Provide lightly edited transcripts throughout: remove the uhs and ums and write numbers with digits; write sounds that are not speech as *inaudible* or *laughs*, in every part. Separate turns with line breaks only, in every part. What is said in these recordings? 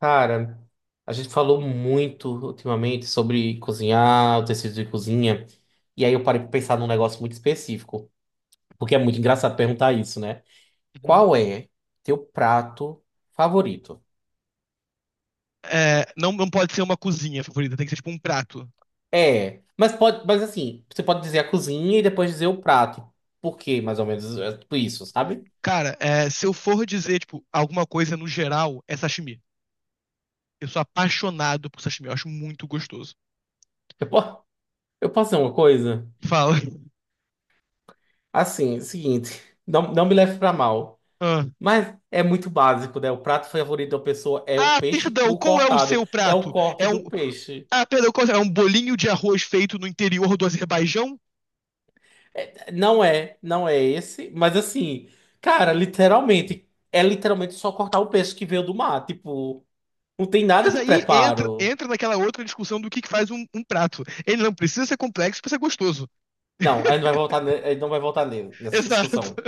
Cara, a gente falou muito ultimamente sobre cozinhar, utensílios de cozinha, e aí eu parei pra pensar num negócio muito específico, porque é muito engraçado perguntar isso, né?
Uhum.
Qual é teu prato favorito?
É, não, não pode ser uma cozinha favorita, tem que ser tipo um prato.
É, mas pode, mas assim, você pode dizer a cozinha e depois dizer o prato. Por quê, mais ou menos, é tipo isso, sabe?
Cara, é, se eu for dizer, tipo, alguma coisa no geral, é sashimi. Eu sou apaixonado por sashimi, eu acho muito gostoso.
Eu, po- eu posso dizer uma coisa?
Fala. *laughs*
Assim, é o seguinte, não me leve pra mal.
Ah,
Mas é muito básico, né? O prato favorito da pessoa é o peixe
Perdão,
cru
qual é o
cortado.
seu
É o
prato?
corte
É
do
um.
peixe.
Ah, perdão, qual é? É um bolinho de arroz feito no interior do Azerbaijão?
Não é esse, mas assim, cara, literalmente, é literalmente só cortar o peixe que veio do mar. Tipo, não tem nada
Mas
de
aí entra,
preparo.
naquela outra discussão do que faz um prato. Ele não precisa ser complexo pra ser gostoso.
Não, a gente não vai voltar nessa
Exato.
discussão.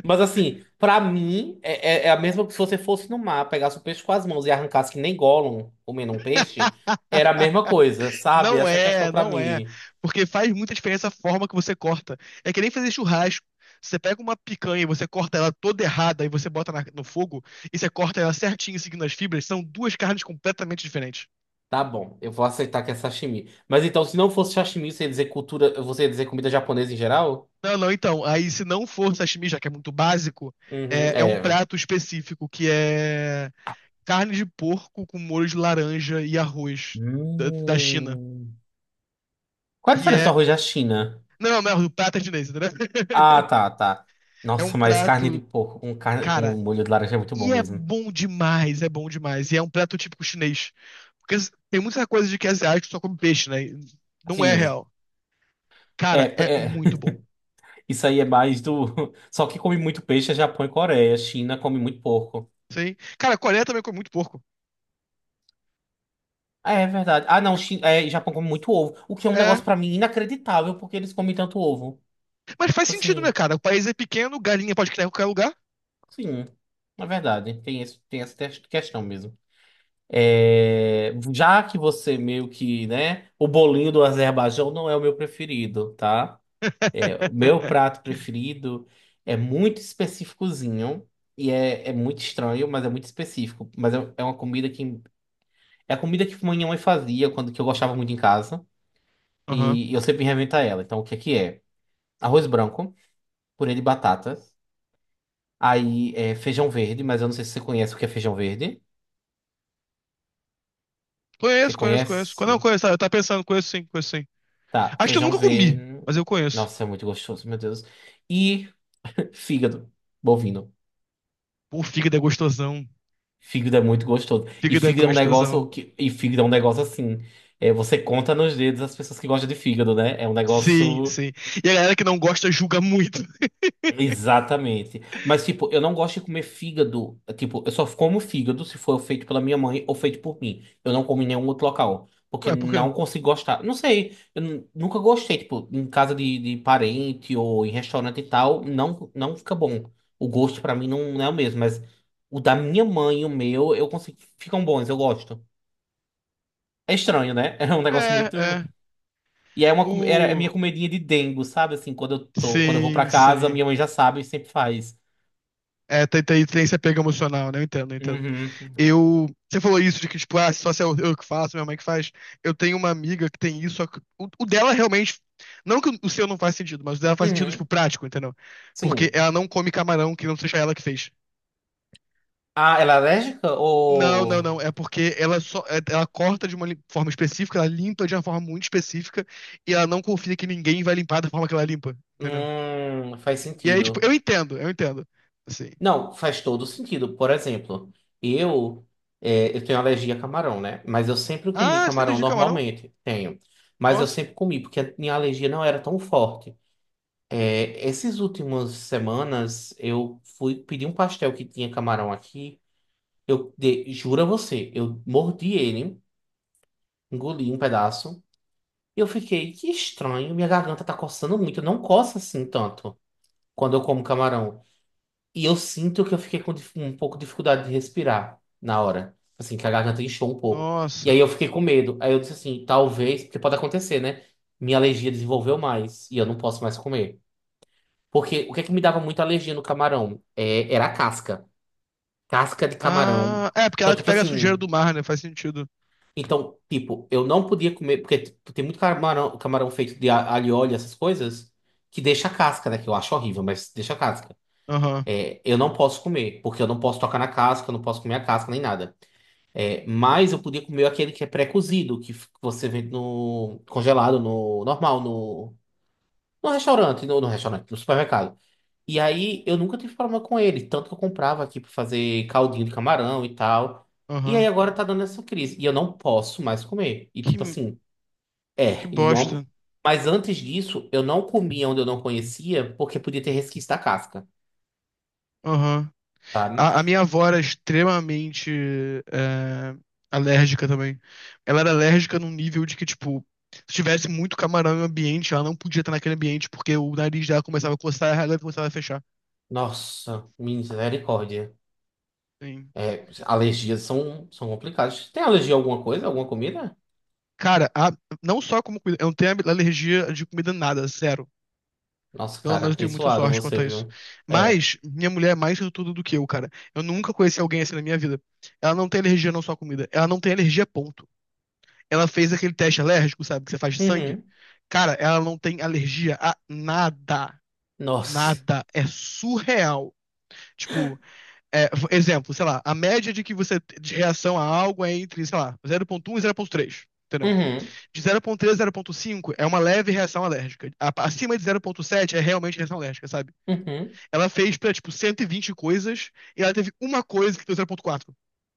Mas assim, pra mim, é a mesma que se você fosse no mar, pegasse o peixe com as mãos e arrancasse que nem Gollum comendo um peixe,
*laughs*
era a mesma coisa, sabe?
Não
Essa é a questão
é,
pra
não é.
mim.
Porque faz muita diferença a forma que você corta. É que nem fazer churrasco. Você pega uma picanha e você corta ela toda errada e você bota no fogo e você corta ela certinho seguindo as fibras, são duas carnes completamente diferentes.
Tá bom, eu vou aceitar que é sashimi. Mas então, se não fosse sashimi, você ia dizer cultura, você ia dizer comida japonesa em geral?
Não, não, então. Aí se não for sashimi, já que é muito básico,
Uhum,
é um
é.
prato específico que é carne de porco com molho de laranja e arroz da China.
Hum. Qual a
Que
diferença do
é.
arroz da China?
Não, não, não, o prato é chinês, entendeu?
Ah,
*laughs*
tá, tá.
É um
Nossa, mas carne de
prato.
porco com
Cara,
molho de laranja é muito bom
e é
mesmo.
bom demais, é bom demais. E é um prato típico chinês. Porque tem muita coisa de que é asiático só come peixe, né? E não é
Sim,
real.
é,
Cara, é
é.
muito
*laughs*
bom.
Isso aí é mais do. *laughs* Só que come muito peixe é Japão e Coreia. China come muito porco.
Sim. Cara, a Coreia também come muito porco.
Ah, é verdade. Ah, não, China, é, Japão come muito ovo. O que é um
É. É.
negócio pra mim inacreditável, porque eles comem tanto ovo.
Mas faz
Tipo
sentido, né,
assim.
cara? O país é pequeno, galinha pode criar em qualquer lugar.
Sim, na verdade, tem esse, questão mesmo. É, já que você meio que, né, o bolinho do Azerbaijão não é o meu preferido, tá? É, o meu
*laughs*
prato preferido é muito específicozinho e é muito estranho, mas é muito específico. Mas é uma comida que é a comida que minha mãe fazia quando que eu gostava muito em casa
Aham.
e, eu sempre reinventava ela. Então, o que é que é? Arroz branco, purê de batatas, aí é feijão verde, mas eu não sei se você conhece o que é feijão verde. Você
Conheço, conheço, conheço. Não,
conhece?
conheço, tá? Eu tava pensando, conheço sim, conheço sim.
Tá,
Acho que eu
feijão
nunca comi,
verde.
mas eu conheço.
Nossa, é muito gostoso, meu Deus. E *laughs* fígado, bovino.
Pô, fígado é gostosão.
Fígado é muito gostoso. E
Fígado é
fígado é um
gostosão.
negócio assim, é, você conta nos dedos as pessoas que gostam de fígado, né? É um
Sim,
negócio.
sim. E a galera que não gosta julga muito. *laughs*
Exatamente. Mas, tipo, eu não gosto de comer fígado. Tipo, eu só como fígado se for feito pela minha mãe ou feito por mim. Eu não como em nenhum outro local. Porque
Ué, por quê?
não consigo gostar. Não sei. Eu nunca gostei. Tipo, em casa de parente ou em restaurante e tal, não, não fica bom. O gosto pra mim não é o mesmo. Mas o da minha mãe e o meu, eu consigo. Ficam bons, eu gosto. É estranho, né? *laughs* É um negócio
É, é.
muito. E era a minha
O.
comidinha de dengo, sabe? Assim, quando eu vou pra
Sim,
casa,
sim.
minha mãe já sabe e sempre faz.
É, tem esse apego emocional, né? Eu entendo, eu entendo.
Uhum.
Eu. Você falou isso de que, tipo, ah, só se eu que faço, minha mãe que faz. Eu tenho uma amiga que tem isso. Só que o dela realmente. Não que o seu não faz sentido, mas o dela faz sentido, tipo,
Uhum.
prático, entendeu? Porque
Sim.
ela não come camarão que não seja ela que fez.
Ah, ela é alérgica
Não, não,
ou.
não. É porque ela só, ela corta de uma forma específica, ela limpa de uma forma muito específica e ela não confia que ninguém vai limpar da forma que ela limpa, entendeu?
Faz
E aí, tipo, eu
sentido.
entendo, eu entendo. Assim.
Não, faz todo sentido. Por exemplo, eu, eu tenho alergia a camarão, né? Mas eu sempre comi
Ah, você tem
camarão
alergia a camarão?
normalmente. Tenho. Mas eu
Nossa,
sempre comi, porque a minha alergia não era tão forte. É, essas últimas semanas, eu fui pedir um pastel que tinha camarão aqui. Juro a você, eu mordi ele, engoli um pedaço. E eu fiquei, que estranho, minha garganta tá coçando muito, não coça assim tanto quando eu como camarão. E eu sinto que eu fiquei com um pouco de dificuldade de respirar na hora, assim, que a garganta inchou um pouco. E aí
nossa.
eu fiquei com medo. Aí eu disse assim, talvez, porque pode acontecer, né? Minha alergia desenvolveu mais e eu não posso mais comer. Porque o que é que me dava muita alergia no camarão? É, era a casca. Casca de camarão.
Ah, é porque é
Então,
ela que
tipo
pega a sujeira
assim.
do mar, né? Faz sentido.
Então, tipo, eu não podia comer, porque tipo, tem muito camarão feito de alho e óleo, essas coisas, que deixa a casca, né? Que eu acho horrível, mas deixa a casca.
Aham,
É, eu não posso comer, porque eu não posso tocar na casca, eu não posso comer a casca nem nada. É, mas eu podia comer aquele que é pré-cozido, que você vende no congelado, no normal, no restaurante, no restaurante, no supermercado. E aí eu nunca tive problema com ele, tanto que eu comprava aqui pra fazer caldinho de camarão e tal. E aí
aham.
agora tá dando essa crise. E eu não posso mais comer. E tipo
Que,
assim,
que
é, e uma-
bosta.
mas antes disso, eu não comia onde eu não conhecia, porque podia ter resquício da casca,
Aham.
sabe?
A minha avó era extremamente é, alérgica também. Ela era alérgica num nível de que, tipo, se tivesse muito camarão em um ambiente, ela não podia estar naquele ambiente porque o nariz dela começava a coçar e ela começava a fechar.
Nossa, misericórdia.
Sim.
É, alergias são complicadas. Tem alergia a alguma coisa, alguma comida?
Cara, não só como comida, eu não tenho alergia de comida nada, zero.
Nossa,
Pelo
cara,
menos eu tenho muita
abençoado
sorte quanto
você,
a isso.
viu? É.
Mas minha mulher é mais tudo do que eu, cara. Eu nunca conheci alguém assim na minha vida. Ela não tem alergia não só à comida, ela não tem alergia ponto. Ela fez aquele teste alérgico, sabe, que você faz de sangue.
Uhum.
Cara, ela não tem alergia a nada.
Nossa.
Nada. É surreal. Tipo, exemplo, sei lá, a média de que de reação a algo é entre, sei lá, 0,1 e 0,3, entendeu?
Uhum.
De 0,3 a 0,5 é uma leve reação alérgica. Acima de 0,7 é realmente reação alérgica, sabe?
Uhum.
Ela fez pra, tipo, 120 coisas e ela teve uma coisa que deu 0,4,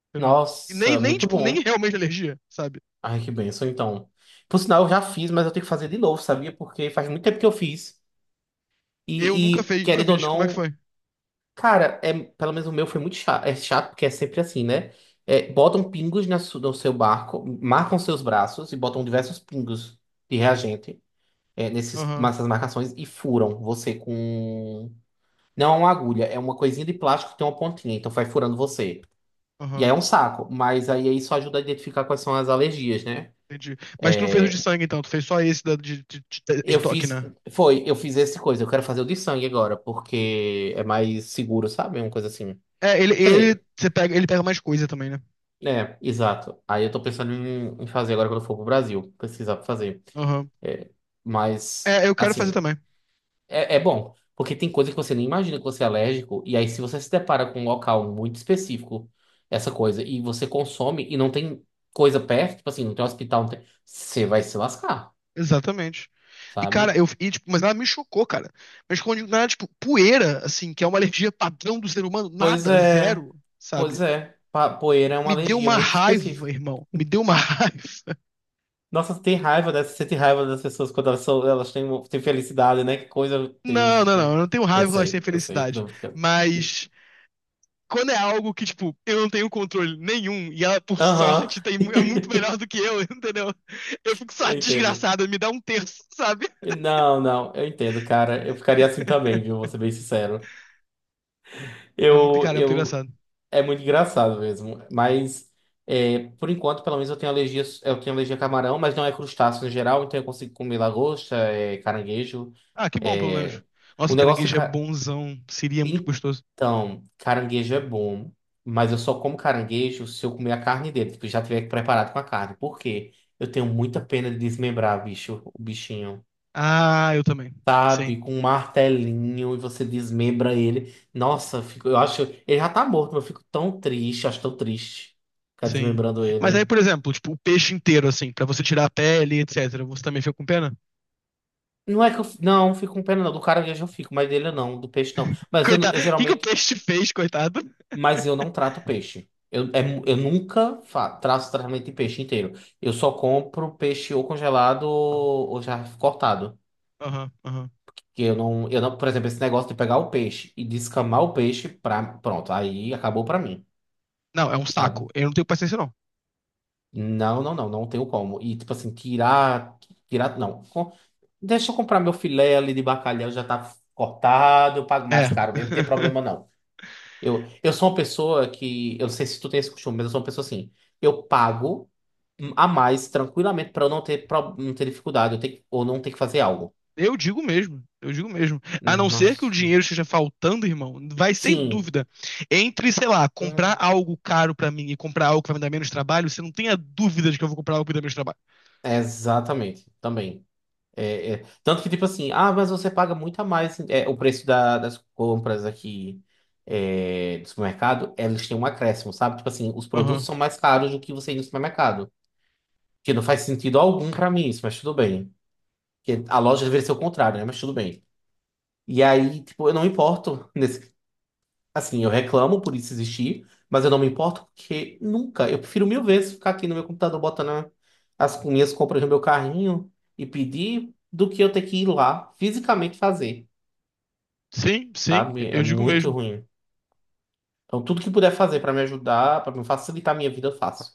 entendeu? E nem,
Nossa,
nem,
muito
tipo, nem
bom.
realmente alergia, sabe?
Ai, que bênção, então. Por sinal, eu já fiz, mas eu tenho que fazer de novo, sabia? Porque faz muito tempo que eu fiz.
Eu
E,
nunca
e,
fiz, nunca
querendo ou
fiz. Como é que
não.
foi?
Cara, pelo menos o meu foi muito chato. É chato porque é sempre assim, né? É, botam pingos no seu barco, marcam seus braços e botam diversos pingos de reagente, é, nesses,
Aham,
nessas marcações e furam você com. Não é uma agulha, é uma coisinha de plástico que tem uma pontinha, então vai furando você. E aí é
aham.
um saco, mas aí isso ajuda a identificar quais são as alergias, né?
Entendi. Mas tu não fez o de sangue, então, tu fez só esse de
Eu
toque,
fiz.
né?
Foi, eu fiz essa coisa. Eu quero fazer o de sangue agora, porque é mais seguro, sabe? É uma coisa assim.
É,
Quer dizer.
você pega, ele pega mais coisa também, né?
É, exato. Aí eu tô pensando em fazer agora quando eu for pro Brasil, pesquisar pra fazer.
Aham.
É, mas,
É, eu quero fazer
assim,
também.
é bom, porque tem coisa que você nem imagina que você é alérgico, e aí se você se depara com um local muito específico, essa coisa, e você consome e não tem coisa perto, tipo assim, não tem hospital, não tem... Você vai se lascar,
Exatamente. E, cara,
sabe?
tipo, mas nada me chocou, cara. Mas quando eu digo nada, tipo, poeira, assim, que é uma alergia padrão do ser humano,
Pois
nada,
é,
zero, sabe?
pois é. Poeira é uma
Me deu
alergia
uma
muito
raiva,
específica.
irmão. Me deu uma *laughs* raiva.
Nossa, tem raiva dessa, você tem raiva das pessoas quando elas têm felicidade, né? Que coisa
Não, não, não. Eu
triste.
não tenho raiva quando elas têm
Eu sei,
felicidade.
tô brincando.
Mas quando é algo que, tipo, eu não tenho controle nenhum e ela, por
Aham.
sorte, tem, é muito melhor
*laughs*
do que eu, *laughs* entendeu? Eu fico só
Eu entendo.
desgraçado, me dá um terço, sabe?
Não, não, eu entendo, cara. Eu ficaria assim também, viu? Vou ser bem sincero.
É muito,
Eu,
cara, é muito
eu,
engraçado.
é muito engraçado mesmo. Mas, é, por enquanto, pelo menos eu tenho alergia a camarão, mas não é crustáceo no geral, então eu consigo comer lagosta, caranguejo.
Ah, que bom, pelo menos.
É...
Nossa,
O negócio.
caranguejo é bonzão. Seria muito gostoso.
Então, caranguejo é bom, mas eu só como caranguejo se eu comer a carne dele, tipo, já tiver preparado com a carne. Por quê? Eu tenho muita pena de desmembrar, o bichinho.
Ah, eu também.
Sabe,
Sim,
com um martelinho e você desmembra ele. Nossa, eu fico, eu acho, ele já tá morto, mas eu fico tão triste, acho tão triste ficar
sim.
desmembrando
Mas aí,
ele.
por exemplo, tipo, o peixe inteiro, assim, pra você tirar a pele, etc. Você também fica com pena?
Não é que eu, não, fico com pena não, do caranguejo eu fico, mas dele eu não, do peixe não. Mas eu,
Coitado.
eu
O que que o
geralmente.
peixe te fez, coitado?
Mas eu não trato peixe. Eu, é mu- eu nunca fa- traço tratamento de peixe inteiro. Eu só compro peixe ou congelado ou já cortado.
Aham, aham.
Que eu não, por exemplo, esse negócio de pegar o peixe e descamar o peixe pra, pronto, aí acabou pra mim,
Não, é um saco.
sabe?
Eu não tenho paciência, não.
Não, não, não, não tenho como. E tipo assim, tirar, tirar, não. Deixa eu comprar meu filé ali de bacalhau, já tá cortado, eu pago
É.
mais caro mesmo, não tem
*laughs*
problema não. Eu sou uma pessoa que, eu não sei se tu tem esse costume, mas eu sou uma pessoa assim, eu pago a mais tranquilamente para eu não ter, não ter dificuldade eu ter, ou não ter que fazer algo.
Eu digo mesmo, eu digo mesmo. A não ser que o dinheiro
Nossa.
esteja faltando, irmão, vai sem
Sim.
dúvida. Entre, sei lá,
Hum,
comprar algo caro pra mim e comprar algo que vai me dar menos trabalho, você não tenha dúvida de que eu vou comprar algo que me dá menos trabalho.
exatamente. Também. É, é. Tanto que, tipo assim, ah, mas você paga muito a mais. Assim", o preço das compras aqui do supermercado, eles têm um acréscimo, sabe? Tipo assim, os produtos
Aham.
são mais caros do que você ir no supermercado. Que não faz sentido algum para mim isso, mas tudo bem. Porque a loja deveria ser o contrário, né? Mas tudo bem. E aí, tipo, eu não me importo. *laughs* Assim, eu reclamo por isso existir, mas eu não me importo porque nunca. Eu prefiro mil vezes ficar aqui no meu computador botando as minhas compras no meu carrinho e pedir do que eu ter que ir lá fisicamente fazer,
Sim, sim,
sabe? É
eu digo
muito
mesmo.
ruim. Então, tudo que puder fazer para me ajudar, para me facilitar a minha vida, eu faço.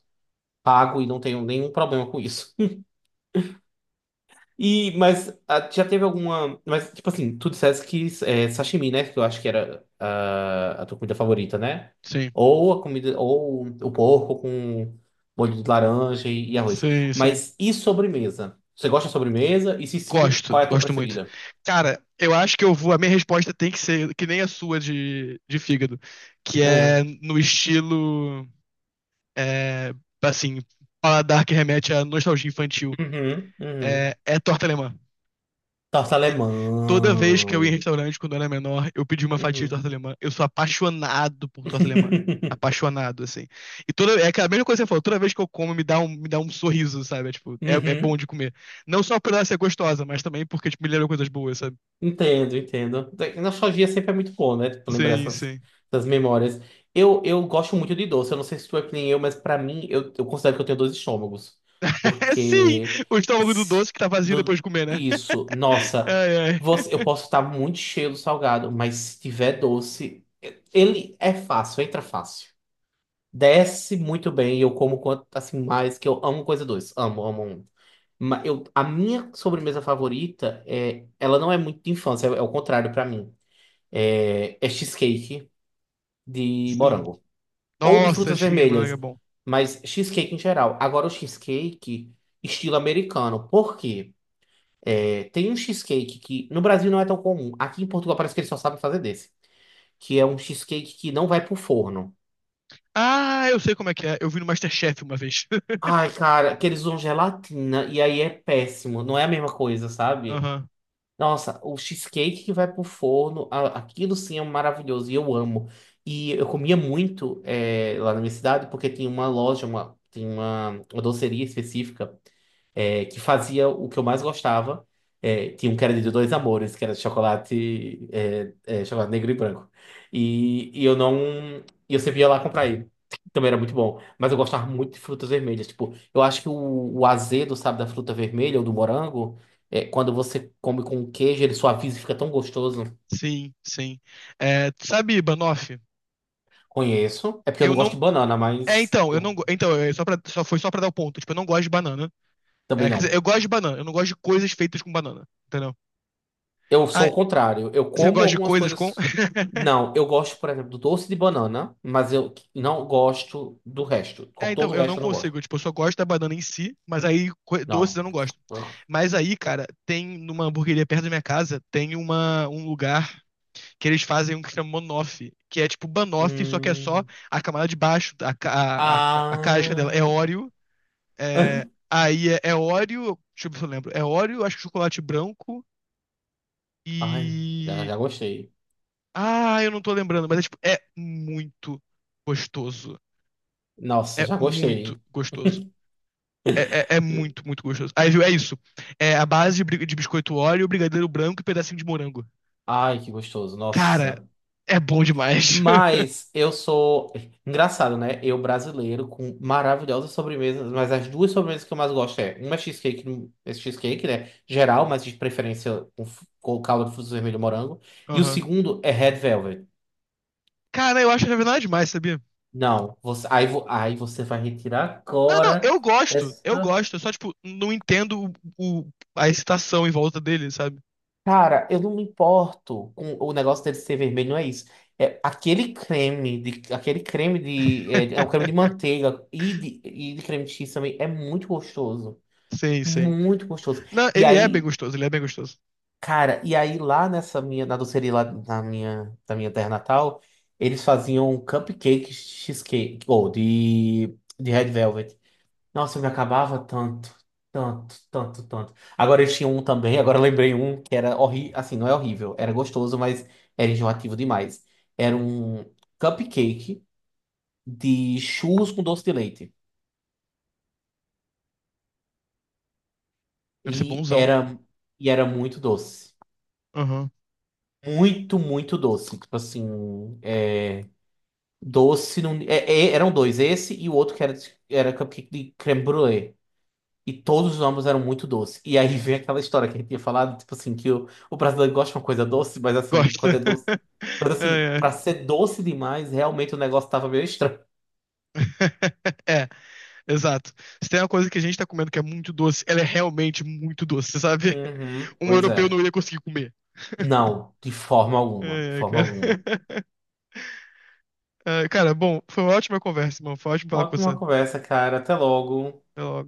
Pago e não tenho nenhum problema com isso. E, mas já teve alguma. Mas, tipo assim, tu dissesse que é sashimi, né? Que eu acho que era a tua comida favorita, né?
Sim,
Ou a comida. Ou o porco com molho de laranja e arroz.
sim, sim.
Mas e sobremesa? Você gosta de sobremesa? E se sim,
Gosto,
qual é a tua
gosto muito.
preferida?
Cara, eu acho que eu vou. A minha resposta tem que ser que nem a sua de fígado, que é
Hum.
no estilo, é, assim, paladar que remete à nostalgia infantil.
Uhum,
É,
uhum.
é torta alemã.
Torta alemã.
Toda vez que eu ia em restaurante quando eu era menor, eu pedi uma fatia de
Uhum.
torta alemã. Eu sou apaixonado por torta alemã.
*laughs*
Apaixonado, assim. E toda, é aquela mesma coisa que você falou, toda vez que eu como, me dá um sorriso, sabe? É, tipo, é bom
Uhum.
de comer. Não só por ela ser gostosa, mas também porque, tipo, me lembra coisas boas, sabe?
Entendo, entendo. Nostalgia sempre é muito bom, né? Tipo, lembrar
Sim,
essas,
sim.
essas memórias. Eu gosto muito de doce. Eu não sei se tu é que nem eu, mas pra mim, eu considero que eu tenho dois estômagos.
*laughs* Sim!
Porque.
O estômago do
s-
doce que tá vazio depois
do-
de comer, né?
isso,
*laughs*
nossa.
Ai, ai.
Você, eu posso estar muito cheio do salgado, mas se tiver doce, ele é fácil, entra fácil. Desce muito bem, eu como quanto, assim, mais, que eu amo coisa doce. Amo, amo, amo. Eu, a minha sobremesa favorita é, ela não é muito de infância, é, é o contrário pra mim. É cheesecake de
Sim.
morango ou de
Nossa,
frutas
cheesecake de morango é
vermelhas,
bom.
mas cheesecake em geral. Agora o cheesecake estilo americano. Por quê? É, tem um cheesecake que no Brasil não é tão comum. Aqui em Portugal parece que eles só sabem fazer desse, que é um cheesecake que não vai pro forno.
Ah, eu sei como é que é. Eu vi no MasterChef uma vez. *laughs*
Ai, cara, que eles usam gelatina e aí é péssimo. Não é a mesma coisa, sabe?
Aham.
Nossa, o cheesecake que vai pro forno, aquilo sim é maravilhoso e eu amo. E eu comia muito lá na minha cidade porque tinha uma loja, uma, tem uma doceria específica é, que fazia o que eu mais gostava. É, tinha um que era de dois amores, que era de chocolate, chocolate negro e branco. E eu não. Eu sempre ia lá comprar ele. Também era muito bom. Mas eu gostava muito de frutas vermelhas. Tipo, eu acho que o azedo, sabe, da fruta vermelha ou do morango, é, quando você come com queijo, ele suaviza e fica tão gostoso.
Sim, sim. É, sabe, Banoff?
Conheço. É porque eu
Eu
não gosto
não.
de banana,
É,
mas
então, eu não.
eu
Então, é foi só pra dar o ponto. Tipo, eu não gosto de banana.
também
É, quer dizer,
não.
eu gosto de banana. Eu não gosto de coisas feitas com banana. Entendeu?
Eu
Ah,
sou o contrário. Eu
você
como
gosta de
algumas
coisas com. *laughs*
coisas. Não, eu gosto, por exemplo, do doce de banana, mas eu não gosto do resto.
É, então,
Todo o
eu não
resto eu não gosto.
consigo. Tipo, eu só gosto da banana em si, mas aí doces
Não.
eu não gosto. Mas aí, cara, tem numa hamburgueria perto da minha casa, tem um lugar que eles fazem um que chama Monoff, que é tipo banoffee só que é só
Hum.
a camada de baixo, a, ca- a casca dela é
Ah.
Oreo. É,
*laughs*
aí é Oreo, deixa eu ver se eu lembro. É Oreo, acho que chocolate branco
Ai, já,
e.
já gostei.
Ah, eu não tô lembrando, mas é, tipo, é muito gostoso.
Nossa,
É
já gostei.
muito gostoso. É, é muito, muito gostoso. Aí, viu, é isso. É a base de biscoito Oreo, brigadeiro branco e pedacinho de morango.
Ai, que gostoso.
Cara,
Nossa.
é bom demais. *laughs*
Mas eu sou. Engraçado, né? Eu brasileiro com maravilhosas sobremesas, mas as duas sobremesas que eu mais gosto é uma é cheesecake, né? Geral, mas de preferência com, com calda de frutos vermelho e morango. E o
Aham.
segundo é Red Velvet.
Cara, eu acho que não é nada demais, sabia?
Não, você, aí, aí você vai retirar
Não, não,
agora
eu gosto, eu
essa.
gosto. Eu só, tipo, não entendo a excitação em volta dele, sabe?
Cara, eu não me importo com o negócio dele ser vermelho, não é isso. É aquele creme de, é um creme
*laughs*
de manteiga e de creme de cheese também é muito gostoso.
Sim, sim.
Muito gostoso.
Não,
E
ele é bem
aí,
gostoso, ele é bem gostoso.
cara, e aí lá nessa minha, na doceria lá na minha, da minha terra natal, eles faziam cupcake cheesecake, ou de Red Velvet. Nossa, eu me acabava tanto, tanto, tanto, tanto. Agora eles tinham um também, agora eu lembrei um que era horrível, assim, não é horrível, era gostoso, mas era enjoativo demais. Era um cupcake de churros com doce de leite.
Deve ser
E
bonzão.
era, e era muito doce.
Aham.
Muito, muito doce. Tipo assim, é, doce. Não é- é- eram dois, esse e o outro que era, era cupcake de creme brulee. E todos os ambos eram muito doces. E aí *laughs* vem aquela história que a gente tinha falado, tipo assim, que o brasileiro gosta de uma coisa doce, mas assim,
Gosto.
quando é doce.
*laughs*
Mas
Ai,
assim, pra
ai.
ser doce demais, realmente o negócio tava meio estranho.
*laughs* É, exato. Se tem uma coisa que a gente tá comendo que é muito doce, ela é realmente muito doce, sabe?
Uhum,
Um
pois
europeu não
é.
ia conseguir comer.
Não, de forma alguma, de
Ai, ai,
forma
cara.
alguma.
*laughs* Ai, cara, bom, foi uma ótima conversa, mano. Foi ótimo falar com você.
Ótima
Até
conversa, cara. Até logo.
logo.